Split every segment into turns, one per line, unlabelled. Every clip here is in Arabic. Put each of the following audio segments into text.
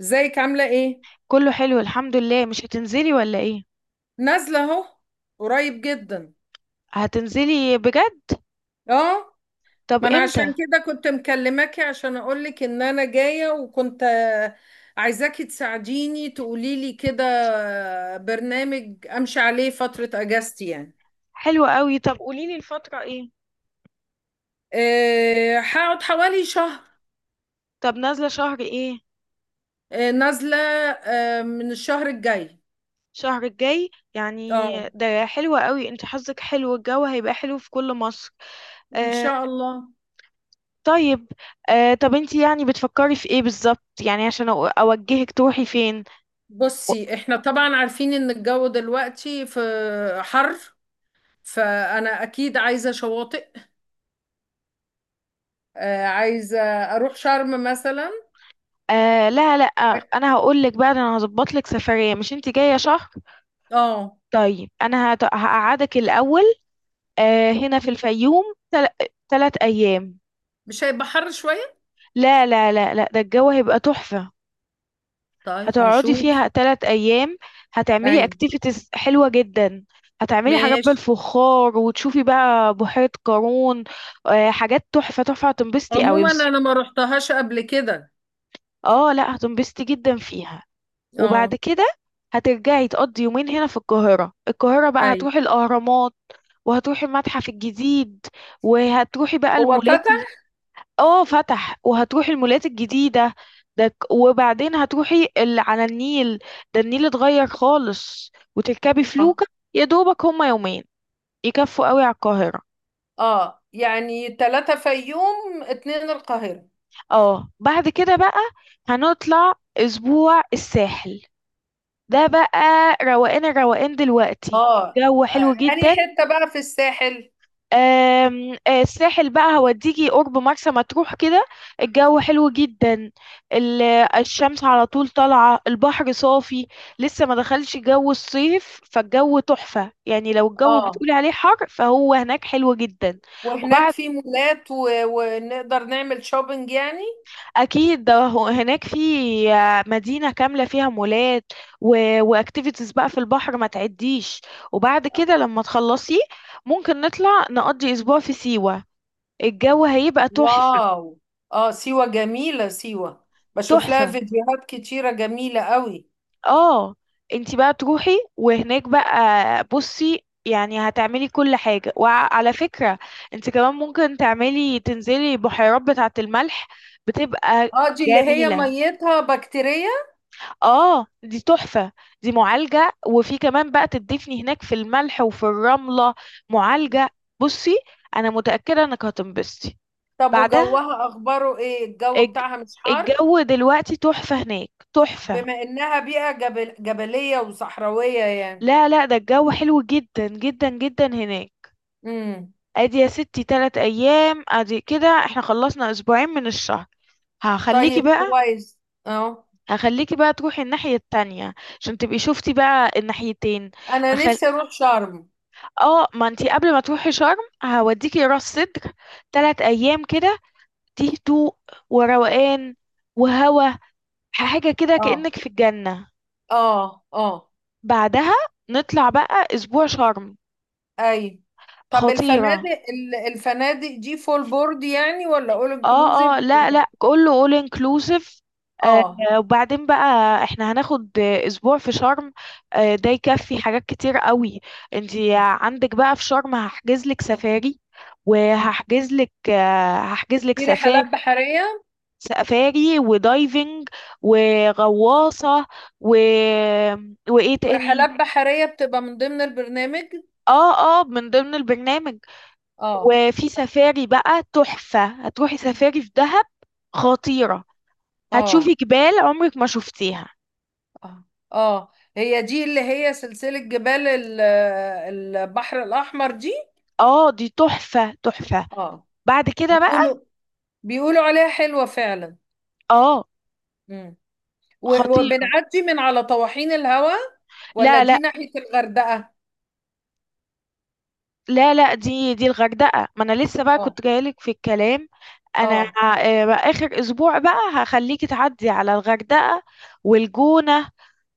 ازيك، عامله ايه؟
كله حلو الحمد لله. مش هتنزلي ولا ايه؟
نازله اهو، قريب جدا.
هتنزلي بجد؟
اه،
طب
ما انا عشان
امتى؟
كده كنت مكلماكي عشان اقولك ان انا جايه، وكنت عايزاكي تساعديني تقولي لي كده، برنامج امشي عليه فتره اجازتي يعني.
حلو قوي. طب قوليلي الفترة ايه؟
هقعد حوالي شهر.
طب نازلة شهر ايه؟
نازله من الشهر الجاي.
شهر الجاي يعني،
اه،
ده حلو قوي. انت حظك حلو، الجو هيبقى حلو في كل مصر.
ان
آه.
شاء الله.
طيب. آه، طب انت يعني بتفكري في ايه بالظبط، يعني عشان اوجهك تروحي فين؟
بصي، احنا طبعا عارفين ان الجو دلوقتي في حر، فانا اكيد عايزه شواطئ. عايزه اروح شرم مثلا.
آه، لا لا، انا هقول لك بقى. ده انا هظبط لك سفرية، مش انت جاية شهر؟
اه،
طيب انا هقعدك الاول، آه، هنا في الفيوم. تل... تلات أيام.
مش هيبقى حر شويه؟
لا لا لا لا، ده الجو هيبقى تحفة.
طيب،
هتقعدي
نشوف.
فيها تلات أيام.
اي،
هتعملي اكتيفيتيز حلوة جدا. هتعملي حاجات
ماشي.
بالفخار، وتشوفي بقى بحيرة قارون. آه، حاجات تحفة تحفة، هتنبسطي قوي
عموما
بس.
انا ما رحتهاش قبل كده.
اه لا، هتنبسطي جدا فيها.
اه.
وبعد كده هترجعي تقضي يومين هنا في القاهرة. القاهرة بقى
اي.
هتروحي الأهرامات، وهتروحي المتحف الجديد، وهتروحي بقى
هو
المولات.
فتح؟
اه فتح، وهتروحي المولات الجديدة. وبعدين هتروحي اللي على النيل. ده النيل اتغير خالص، وتركبي
اه.
فلوكة. يا دوبك هما يومين يكفوا قوي على القاهرة.
اه يعني ثلاثة، فيوم اتنين القاهرة.
اه، بعد كده بقى هنطلع اسبوع الساحل. ده بقى روقان. الروقان دلوقتي
اه.
الجو
آه،
حلو
انهي
جدا.
حتة بقى في الساحل؟
آم، آه، الساحل بقى هوديكي قرب مرسى مطروح كده. الجو حلو جدا. ال- الشمس على طول طالعة، البحر صافي. لسه ما دخلش جو الصيف، فالجو تحفة. يعني لو الجو
اه،
بتقولي عليه حر، فهو هناك حلو جدا.
وهناك
وبعد،
في مولات ونقدر نعمل شوبينج يعني.
أكيد ده هناك في مدينة كاملة فيها مولات واكتيفيتيز بقى في البحر ما تعديش. وبعد كده لما تخلصي، ممكن نطلع نقضي أسبوع في سيوة. الجو هيبقى تحفة.
واو، اه، سيوة جميلة سيوة. بشوف لها
تحفة.
فيديوهات كتيرة جميلة قوي.
اه، انتي بقى تروحي، وهناك بقى بصي، يعني هتعملي كل حاجة. وعلى فكرة، انتي كمان ممكن تعملي، تنزلي بحيرات بتاعة الملح. بتبقى
اه، دي اللي هي
جميلة.
ميتها بكتيريا.
اه دي تحفة. دي معالجة، وفي كمان بقى تدفني هناك في الملح وفي الرملة. معالجة. بصي، انا متأكدة انك هتنبسطي
طب،
بعدها.
وجوها اخباره ايه؟ الجو
الج-
بتاعها مش حر؟
الجو دلوقتي تحفة هناك، تحفة.
بما انها بيئة جبلية وصحراوية يعني.
لا لا، ده الجو حلو جدا جدا جدا هناك.
امم.
ادي يا ستي تلات ايام، ادي كده احنا خلصنا اسبوعين من الشهر. هخليكي
طيب،
بقى.
كويس. اه.
هخليكي بقى تروحي الناحية التانية عشان تبقي شفتي بقى الناحيتين.
انا
هخل...
نفسي اروح شرم.
اه، ما انتي قبل ما تروحي شرم هوديكي راس سدر تلات ايام كده. دي هدوء وروقان وهوا، حاجة كده
اه،
كأنك في الجنة.
اه، اه.
بعدها نطلع بقى اسبوع شرم.
اي. طب
خطيرة.
الفنادق الفنادق دي فول بورد يعني ولا اول انكلوزيف؟
اه اه، لا لا، كله all inclusive. آه.
اه.
وبعدين بقى احنا هناخد اسبوع في شرم. آه ده يكفي حاجات كتير قوي. انتي عندك بقى في شرم هحجز لك سفاري، وهحجز لك آه هحجز لك
في رحلات
سفاري
بحرية.
سفاري ودايفنج وغواصة و... وايه تاني.
رحلات بحرية بتبقى من ضمن البرنامج؟
اه اه، من ضمن البرنامج.
اه.
وفي سفاري بقى تحفة، هتروحي سفاري في دهب. خطيرة. هتشوفي
اه.
جبال عمرك ما شفتيها.
اه. اه، هي دي اللي هي سلسلة جبال البحر الأحمر دي.
اه دي تحفة تحفة.
اه.
بعد كده بقى،
بيقولوا بيقولوا عليها حلوة فعلا.
اه
مم.
خطيرة.
وبنعدي من على طواحين الهواء، ولا
لا لا
دي ناحية الغردقة؟
لا لا، دي الغردقة. ما انا لسه بقى
اه،
كنت جايلك في الكلام. انا
اه.
بقى اخر اسبوع بقى هخليكي تعدي على الغردقة والجونة.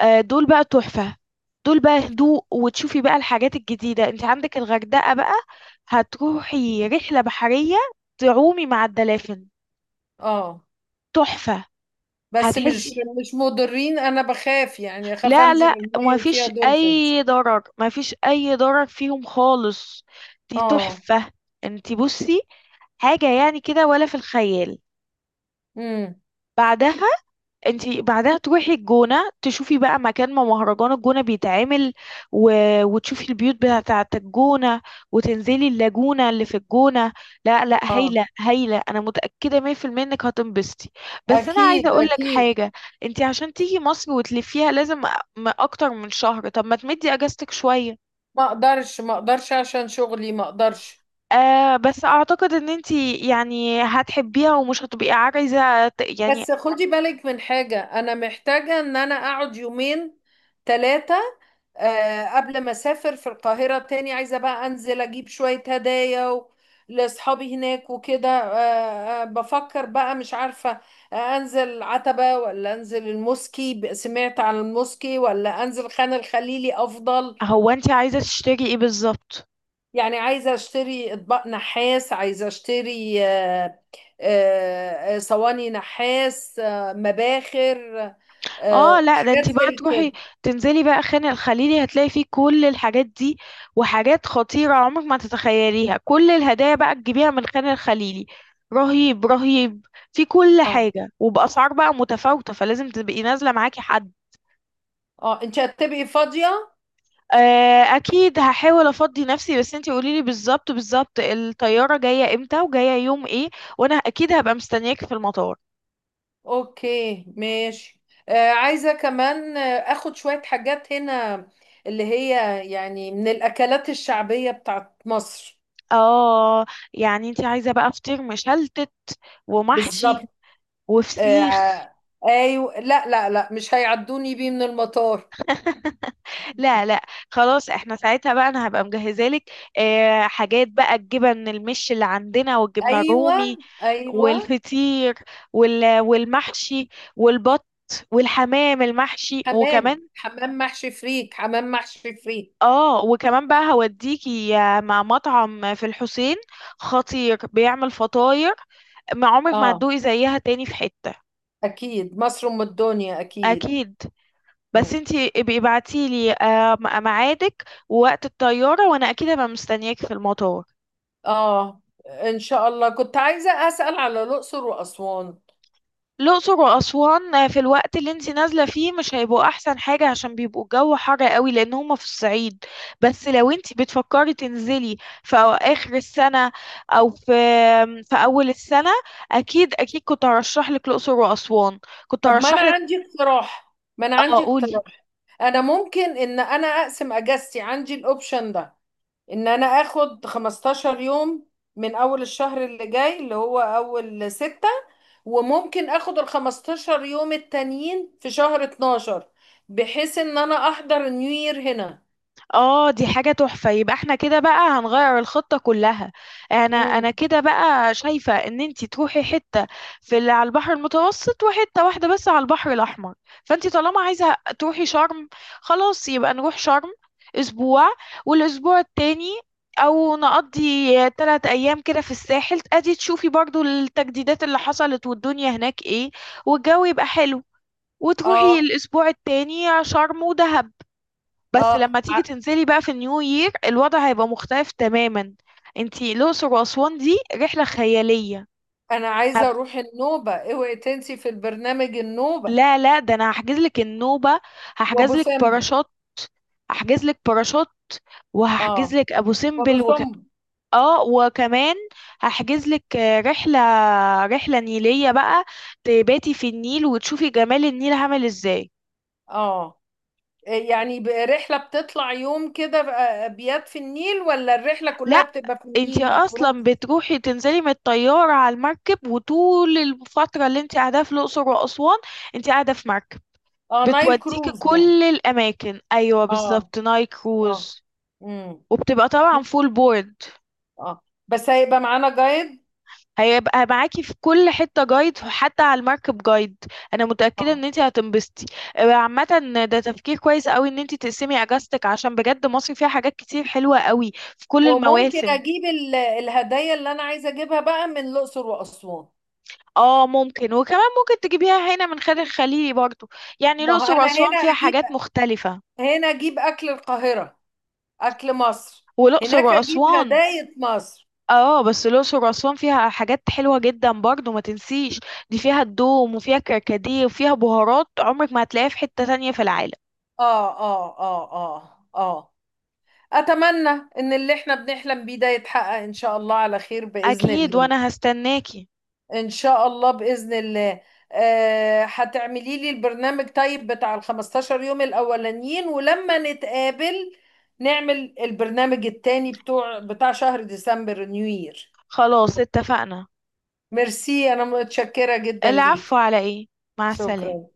دول بقى تحفة. دول بقى هدوء. وتشوفي بقى الحاجات الجديدة. انت عندك الغردقة بقى هتروحي رحلة بحرية، تعومي مع الدلافين.
اه،
تحفة.
بس مش
هتحسي.
مش مضرين؟ انا بخاف يعني، اخاف
لا
انزل
لا، ما
المية وفيها
فيش
دولفينز.
اي ضرر، ما فيش اي ضرر فيهم خالص. دي
اه.
تحفة. انتي بصي، حاجة يعني كده ولا في الخيال.
امم.
بعدها انتي بعدها تروحي الجونة، تشوفي بقى مكان ما مهرجان الجونة بيتعمل و... وتشوفي البيوت بتاعة الجونة، وتنزلي اللاجونة اللي في الجونة. لا لا،
اه،
هايلة هايلة، انا متأكدة 100% انك هتنبسطي. بس انا عايزة
اكيد
اقول لك
اكيد.
حاجة. انتي عشان تيجي مصر وتلفيها لازم اكتر من شهر. طب ما تمدي اجازتك شوية.
ما اقدرش، ما اقدرش، عشان شغلي ما اقدرش.
بس اعتقد ان انتي يعني هتحبيها، ومش هتبقي عايزة يعني.
بس خدي بالك من حاجة، انا محتاجة ان انا اقعد يومين، ثلاثة قبل ما اسافر، في القاهرة تاني، عايزة بقى انزل اجيب شوية هدايا لاصحابي هناك وكده. بفكر بقى، مش عارفة. انزل عتبة ولا انزل الموسكي؟ سمعت عن الموسكي، ولا انزل خان الخليلي افضل؟
هو انتي عايزة تشتري ايه بالظبط؟
يعني عايزة اشتري اطباق نحاس، عايزة اشتري صواني نحاس، مباخر،
اه لا، ده
حاجات
انتي بقى
زي كده.
تروحي، تنزلي بقى خان الخليلي، هتلاقي فيه كل الحاجات دي وحاجات خطيرة عمرك ما تتخيليها. كل الهدايا بقى تجيبيها من خان الخليلي. رهيب رهيب. في كل
اه.
حاجة، وبأسعار بقى متفاوتة، فلازم تبقي نازلة معاكي حد.
اه، انت هتبقي فاضية؟
آه اكيد هحاول افضي نفسي. بس انتي قوليلي بالظبط بالظبط الطيارة جاية امتى وجاية يوم ايه، وانا اكيد هبقى مستنياكي في المطار.
اوكي، ماشي. عايزة كمان اخد شوية حاجات هنا، اللي هي يعني من الاكلات الشعبية بتاعت مصر.
اه، يعني انتي عايزة بقى فطير مشلتت، ومحشي،
بالظبط.
وفسيخ.
آه، ايوه، لا لا لا، مش هيعدوني بيه من المطار.
لا لا، خلاص احنا ساعتها بقى انا هبقى مجهزه لك. اه حاجات بقى الجبن المش اللي عندنا، والجبنه
ايوه،
الرومي،
ايوه.
والفطير، والمحشي، والبط، والحمام المحشي.
حمام،
وكمان
حمام محشي فريك، حمام محشي فريك.
اه، وكمان بقى هوديكي مع مطعم في الحسين، خطير بيعمل فطاير ما عمرك ما
اه،
هتدوقي زيها تاني في حتة.
أكيد مصر أم الدنيا، أكيد.
اكيد. بس
مم.
انتي ابقي ابعتي لي ميعادك ووقت الطيارة، وانا اكيد هبقى مستنياكي في المطار.
آه إن شاء الله، كنت عايزة أسأل على الأقصر وأسوان.
الأقصر وأسوان في الوقت اللي انتي نازلة فيه مش هيبقوا أحسن حاجة، عشان بيبقوا الجو حر قوي، لأن هما في الصعيد. بس لو انتي بتفكري تنزلي في آخر السنة، أو في أول السنة، أكيد أكيد كنت هرشح لك الأقصر وأسوان. كنت
طب ما أنا
هرشح لك.
عندي اقتراح، ما أنا
اه
عندي
قولي.
اقتراح. أنا ممكن إن أنا أقسم أجازتي، عندي الأوبشن ده، إن أنا آخد 15 يوم من أول الشهر اللي جاي، اللي هو أول ستة، وممكن آخد ال 15 يوم التانيين في شهر 12، بحيث إن أنا أحضر نيو يير هنا.
اه دي حاجة تحفة، يبقى احنا كده بقى هنغير الخطة كلها. انا
مم.
انا كده بقى شايفة ان انتي تروحي حتة في اللي على البحر المتوسط، وحتة واحدة بس على البحر الاحمر. فانتي طالما عايزة تروحي شرم، خلاص يبقى نروح شرم اسبوع، والاسبوع التاني او نقضي تلات ايام كده في الساحل، ادي تشوفي برضو التجديدات اللي حصلت والدنيا هناك ايه، والجو يبقى حلو. وتروحي
آه
الاسبوع التاني شرم ودهب. بس
آه
لما تيجي تنزلي بقى في النيو يير الوضع هيبقى مختلف تماما. انتي الأقصر وأسوان دي رحلة خيالية.
انا عايزه
هب...
اروح النوبه، اوعي تنسي في البرنامج النوبه
لا لا، ده انا هحجز لك النوبة، هحجز
وابو
لك
سمبل.
باراشوت. هحجز لك باراشوت،
اه،
وهحجز لك ابو
وابو
سمبل
سمبل.
اه وكمان، هحجز لك رحلة نيلية بقى، تباتي في النيل، وتشوفي جمال النيل عامل ازاي.
اه يعني رحله بتطلع يوم كده، ابيات في النيل، ولا الرحله كلها
لا،
بتبقى في
انتي
النيل كروز؟
اصلا بتروحي تنزلي من الطيارة على المركب، وطول الفترة اللي انتي قاعدة في الاقصر واسوان انتي قاعدة في مركب
اه، نايل
بتوديكي
كروز يعني.
كل الاماكن. ايوه
اه،
بالظبط، نايل
اه.
كروز.
امم.
وبتبقى طبعا فول بورد.
اه، بس هيبقى معانا جايد.
هيبقى معاكي في كل حتة جايد، حتى على المركب جايد. انا متأكدة ان
اه،
انتي هتنبسطي. عامة ده تفكير كويس قوي ان انتي تقسمي اجازتك، عشان بجد مصر فيها حاجات كتير حلوة قوي في كل
وممكن
المواسم.
اجيب الهدايا اللي انا عايزه اجيبها بقى من الاقصر واسوان.
اه ممكن، وكمان ممكن تجيبيها هنا من خارج الخليلي برضو. يعني
ما هو
الأقصر
انا
وأسوان فيها حاجات مختلفة.
هنا اجيب اكل القاهره، اكل مصر.
والأقصر
هناك اجيب
وأسوان،
هدايا مصر.
اه بس الأقصر وأسوان فيها حاجات حلوة جدا برضو ما تنسيش. دي فيها الدوم، وفيها كركديه، وفيها بهارات عمرك ما هتلاقيها في حتة تانية في العالم.
اه، اه، اه، اه، اه. اتمنى ان اللي احنا بنحلم بيه ده يتحقق، ان شاء الله على خير باذن
أكيد
الله.
وأنا هستناكي.
ان شاء الله، باذن الله. هتعملي لي البرنامج طيب بتاع ال 15 يوم الاولانيين، ولما نتقابل نعمل البرنامج التاني بتاع شهر ديسمبر، نيو يير.
خلاص اتفقنا.
ميرسي، انا متشكرة جدا
العفو
ليكي.
على ايه. مع السلامة.
شكرا.